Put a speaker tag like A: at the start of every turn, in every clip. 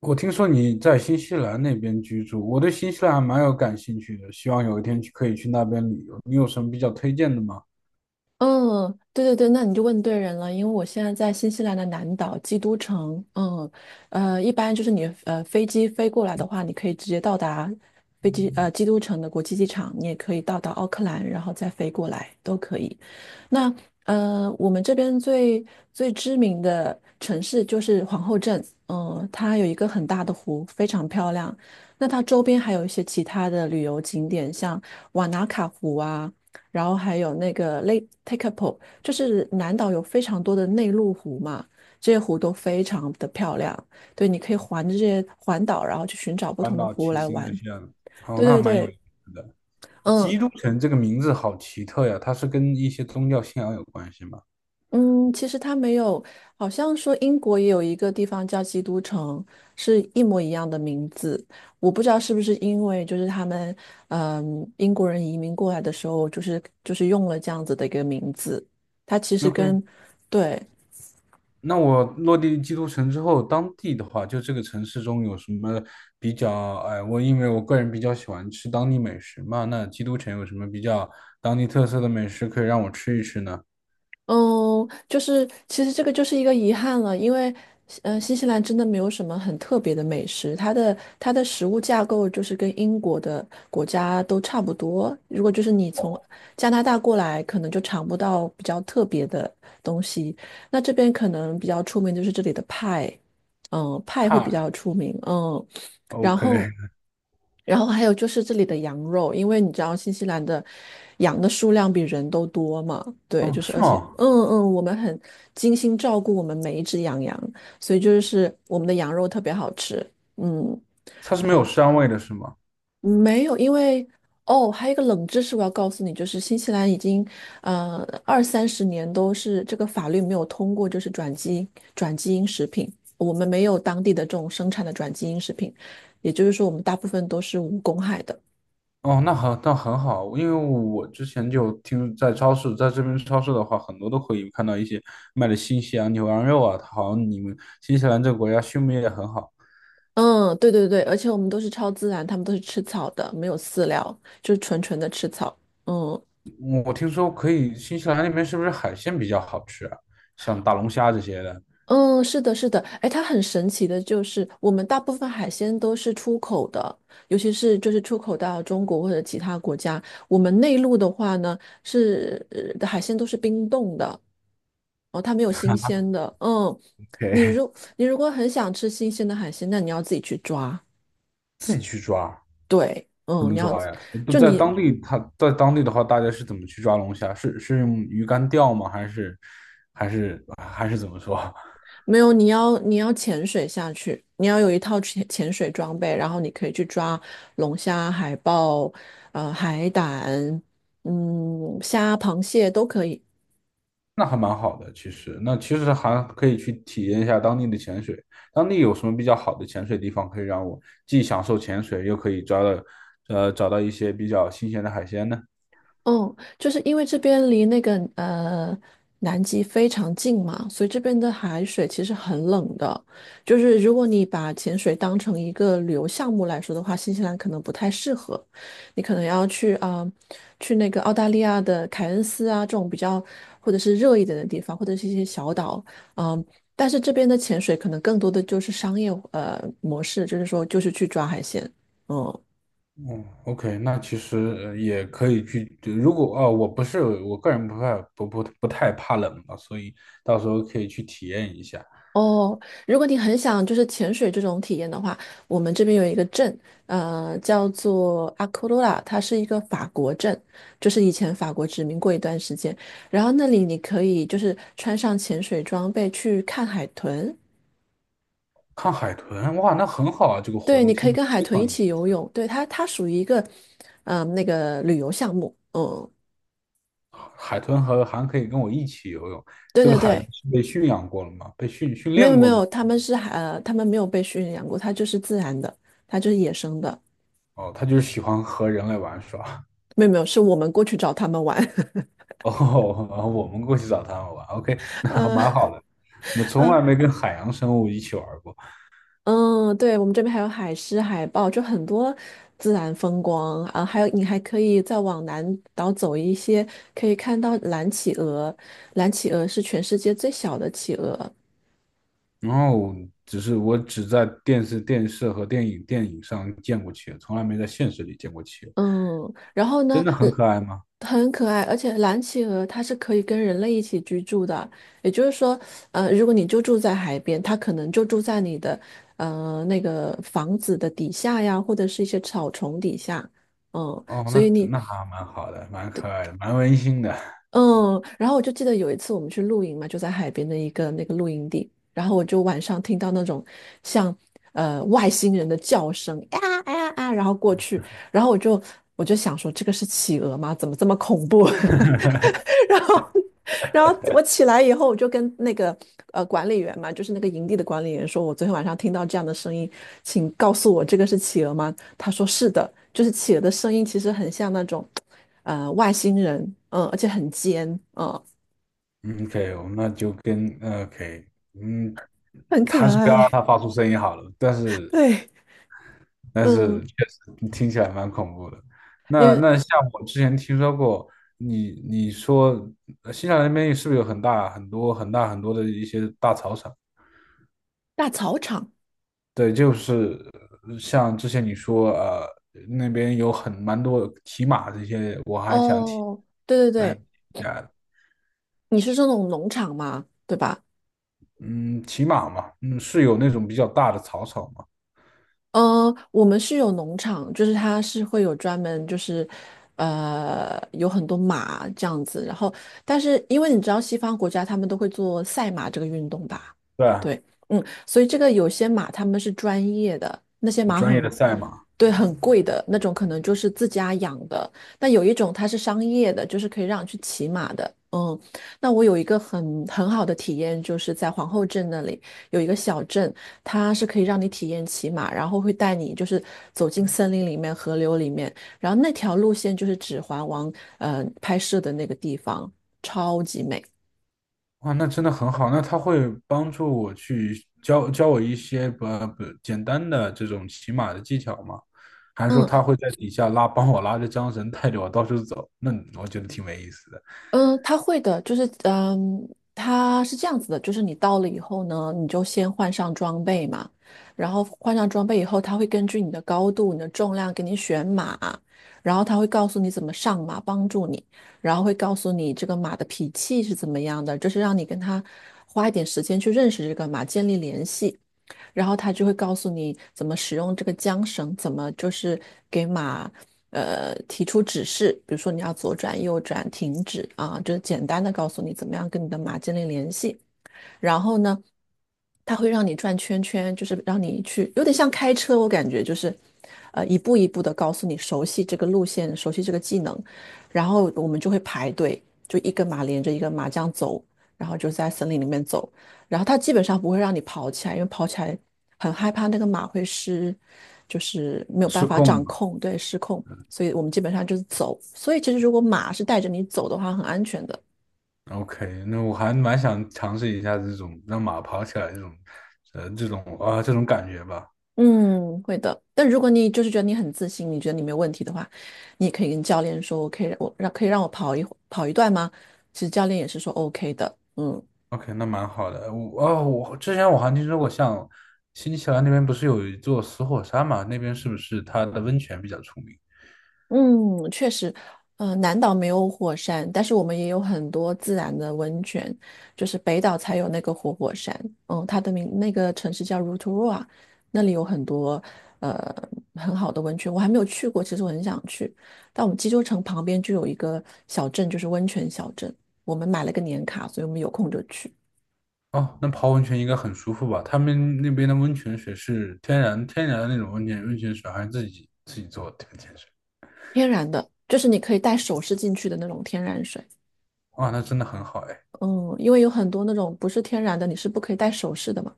A: 我听说你在新西兰那边居住，我对新西兰还蛮有感兴趣的，希望有一天去可以去那边旅游。你有什么比较推荐的吗？
B: 嗯，对对对，那你就问对人了，因为我现在在新西兰的南岛基督城，一般就是你飞机飞过来的话，你可以直接到达基督城的国际机场，你也可以到达奥克兰，然后再飞过来都可以。那我们这边最知名的城市就是皇后镇，它有一个很大的湖，非常漂亮。那它周边还有一些其他的旅游景点，像瓦纳卡湖啊。然后还有那个 Lake Tekapo，就是南岛有非常多的内陆湖嘛，这些湖都非常的漂亮。对，你可以环着这些环岛，然后去寻找不
A: 搬
B: 同的
A: 到
B: 湖
A: 骑
B: 来
A: 行
B: 玩。
A: 这些的。哦，
B: 对
A: 那
B: 对
A: 蛮有意
B: 对，
A: 思的。
B: 嗯
A: 基督城这个名字好奇特呀，它是跟一些宗教信仰有关系吗
B: 嗯，其实它没有，好像说英国也有一个地方叫基督城，是一模一样的名字。我不知道是不是因为就是他们，英国人移民过来的时候，就是用了这样子的一个名字。它其实
A: ？OK，
B: 跟，对，
A: 那我落地基督城之后，当地的话，就这个城市中有什么比较？哎，我因为我个人比较喜欢吃当地美食嘛，那基督城有什么比较当地特色的美食可以让我吃一吃呢？
B: 嗯，就是其实这个就是一个遗憾了，因为新西兰真的没有什么很特别的美食，它的食物架构就是跟英国的国家都差不多。如果就是你从
A: 哦，
B: 加拿大过来，可能就尝不到比较特别的东西。那这边可能比较出名就是这里的派，派会比较出名，然
A: OK，
B: 后，然后还有就是这里的羊肉，因为你知道新西兰的羊的数量比人都多嘛，对，
A: 哦，
B: 就是
A: 是
B: 而且，
A: 吗？
B: 我们很精心照顾我们每一只羊羊，所以就是我们的羊肉特别好吃，嗯。
A: 它是没有膻味的，是吗？
B: 没有，因为哦，还有一个冷知识我要告诉你，就是新西兰已经呃二三十年都是这个法律没有通过，就是转基因食品，我们没有当地的这种生产的转基因食品，也就是说我们大部分都是无公害的。
A: 哦，那很那很好，因为我之前就听在超市，在这边超市的话，很多都可以看到一些卖的新西兰牛羊肉啊，好像你们新西兰这个国家畜牧业也很好。
B: 嗯，对对对，而且我们都是超自然，他们都是吃草的，没有饲料，就是纯纯的吃草。嗯，
A: 我听说可以，新西兰那边是不是海鲜比较好吃啊？像大龙虾这些的，
B: 嗯，是的，是的，哎，它很神奇的，就是我们大部分海鲜都是出口的，尤其是就是出口到中国或者其他国家。我们内陆的话呢，是的海鲜都是冰冻的，哦，它没有新鲜的。嗯，你
A: 给
B: 如你如果很想吃新鲜的海鲜，那你要自己去抓。
A: 自己去抓，
B: 对，
A: 怎么
B: 你要
A: 抓呀？不
B: 就
A: 在
B: 你
A: 当地，它在当地的话，大家是怎么去抓龙虾？是用鱼竿钓吗？还是还是怎么说？
B: 没有，你要潜水下去，你要有一套潜水装备，然后你可以去抓龙虾、海豹、海胆、虾、螃蟹都可以。
A: 那还蛮好的，其实那其实还可以去体验一下当地的潜水。当地有什么比较好的潜水地方，可以让我既享受潜水，又可以抓到，找到一些比较新鲜的海鲜呢？
B: 嗯，就是因为这边离那个南极非常近嘛，所以这边的海水其实很冷的。就是如果你把潜水当成一个旅游项目来说的话，新西兰可能不太适合，你可能要去啊、去那个澳大利亚的凯恩斯啊这种比较或者是热一点的地方，或者是一些小岛，嗯、但是这边的潜水可能更多的就是商业模式，就是说就是去抓海鲜，嗯。
A: 嗯，OK，那其实也可以去。如果哦，我不是我个人不太不太怕冷嘛，所以到时候可以去体验一下。
B: 哦，如果你很想就是潜水这种体验的话，我们这边有一个镇，叫做阿库罗拉，它是一个法国镇，就是以前法国殖民过一段时间。然后那里你可以就是穿上潜水装备去看海豚，
A: 看海豚，哇，那很好啊！这个活
B: 对，
A: 动
B: 你可
A: 听
B: 以
A: 起来
B: 跟海
A: 非
B: 豚
A: 常
B: 一
A: 有意
B: 起
A: 思。
B: 游泳，对，它属于一个，那个旅游项目，
A: 海豚和还可以跟我一起游泳。
B: 对
A: 这个
B: 对
A: 海豚
B: 对，
A: 是被驯养过了吗？被
B: 没
A: 练
B: 有没
A: 过吗？
B: 有，他们没有被驯养过，它就是自然的，它就是野生的，
A: 哦，他就是喜欢和人类玩耍。
B: 没有没有，是我们过去找他们玩。
A: 哦，然后我们过去找他们玩，OK，那还蛮
B: 嗯
A: 好的。我从
B: 嗯
A: 来没跟海洋生物一起玩过，
B: 嗯，对，我们这边还有海狮、海豹，就很多自然风光啊。还有，你还可以再往南岛走一些，可以看到蓝企鹅。蓝企鹅是全世界最小的企鹅。
A: 然后只是我只在电视和电影上见过企鹅，从来没在现实里见过企鹅。
B: 嗯，然后呢，
A: 真的很可爱吗？
B: 很可爱，而且蓝企鹅它是可以跟人类一起居住的。也就是说，如果你就住在海边，它可能就住在你的那个房子的底下呀，或者是一些草丛底下。嗯，
A: 哦，
B: 所以
A: 那
B: 你
A: 那还蛮好的，蛮可爱的，蛮温馨的。
B: 嗯，然后我就记得有一次我们去露营嘛，就在海边的一个那个露营地，然后我就晚上听到那种像外星人的叫声，啊啊啊，然后过去，然后我就想说这个是企鹅吗？怎么这么恐怖？然后然后我起来以后，我就跟那个管理员嘛，就是那个营地的管理员说，我昨天晚上听到这样的声音，请告诉我这个是企鹅吗？他说是的，就是企鹅的声音其实很像那种，外星人，而且很尖，嗯，
A: 嗯 OK，我们那就跟OK，嗯，
B: 很可
A: 还是不要让
B: 爱，
A: 它发出声音好了。但 是
B: 对，
A: 但是
B: 嗯，
A: 确实听起来蛮恐怖的。
B: 因
A: 那
B: 为
A: 那像我之前听说过，你说新西兰那边是不是有很大很多很大很多的一些大草场？
B: 大草场，
A: 对，就是像之前你说那边有很蛮多骑马这些，我还想体
B: 哦，对对
A: 蛮
B: 对，
A: 呀
B: 你是说那种农场吗？对吧？
A: 嗯骑马嘛，嗯是有那种比较大的草场嘛？
B: 嗯，我们是有农场，就是它是会有专门就是，有很多马这样子。然后，但是因为你知道西方国家他们都会做赛马这个运动吧？
A: 对啊，
B: 对，所以这个有些马他们是专业的，那些马
A: 专业的
B: 很，
A: 赛马。
B: 对，很贵的那种，可能就是自家养的。但有一种它是商业的，就是可以让你去骑马的。嗯，那我有一个很好的体验，就是在皇后镇那里有一个小镇。它是可以让你体验骑马，然后会带你就是走进森林里面、河流里面，然后那条路线就是《指环王》拍摄的那个地方，超级美。
A: 哇，那真的很好。那他会帮助我去教我一些不不简单的这种骑马的技巧吗？还是说他
B: 嗯。
A: 会在底下拉，帮我拉着缰绳，带着我到处走？那我觉得挺没意思的，
B: 嗯，他会的，就是他是这样子的，就是你到了以后呢，你就先换上装备嘛，然后换上装备以后，他会根据你的高度、你的重量给你选马，然后他会告诉你怎么上马，帮助你，然后会告诉你这个马的脾气是怎么样的，就是让你跟他花一点时间去认识这个马，建立联系。然后他就会告诉你怎么使用这个缰绳，怎么就是给马提出指示，比如说你要左转、右转、停止啊，就是简单的告诉你怎么样跟你的马建立联系。然后呢？它会让你转圈圈，就是让你去，有点像开车，我感觉就是，一步一步的告诉你熟悉这个路线，熟悉这个技能，然后我们就会排队，就一个马连着一个马这样走，然后就在森林里面走，然后它基本上不会让你跑起来，因为跑起来很害怕那个马会失，就是没有办
A: 失
B: 法
A: 控
B: 掌
A: 嘛。
B: 控，对，失控，所以我们基本上就是走，所以其实如果马是带着你走的话，很安全的。
A: OK，那我还蛮想尝试一下这种让马跑起来这种，这种啊、这种感觉吧。
B: 嗯，会的。但如果你就是觉得你很自信，你觉得你没有问题的话，你也可以跟教练说，我可以我让可以让我跑一段吗？其实教练也是说 OK 的。嗯，
A: OK，那蛮好的。我啊、我之前我还听说过像新西兰那边不是有一座死火山嘛？那边是不是它的温泉比较出名？
B: 嗯，确实，南岛没有火山，但是我们也有很多自然的温泉，就是北岛才有那个活火山，它的名那个城市叫 Rotorua，那里有很多呃很好的温泉，我还没有去过，其实我很想去。但我们济州城旁边就有一个小镇，就是温泉小镇，我们买了个年卡，所以我们有空就去，
A: 哦，那泡温泉应该很舒服吧？他们那边的温泉水是天然的那种温泉水，还是自己做的温泉水？
B: 天然的，就是你可以带首饰进去的那种天然水。
A: 哇，那真的很好哎。
B: 嗯，因为有很多那种不是天然的，你是不可以戴首饰的嘛，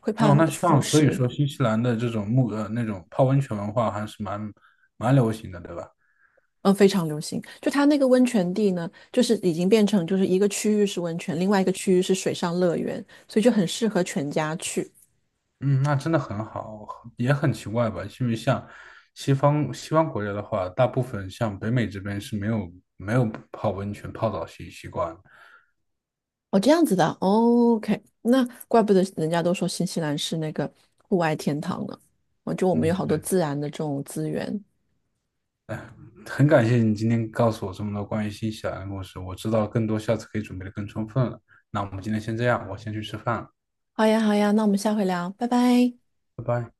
B: 会怕
A: 那那
B: 腐
A: 像所以
B: 蚀。
A: 说新西兰的这种那种泡温泉文化还是蛮流行的，对吧？
B: 嗯，非常流行。就它那个温泉地呢，就是已经变成就是一个区域是温泉，另外一个区域是水上乐园，所以就很适合全家去。
A: 嗯，那真的很好，也很奇怪吧？因为像西方国家的话，大部分像北美这边是没有泡温泉泡澡惯
B: 哦，这样子的。哦 OK，那怪不得人家都说新西兰是那个户外天堂呢。我们有
A: 嗯。
B: 好多自然的这种资源。
A: 很感谢你今天告诉我这么多关于新西兰的故事，我知道更多，下次可以准备的更充分了。那我们今天先这样，我先去吃饭了，
B: 好呀，好呀，那我们下回聊，拜拜。
A: 拜拜。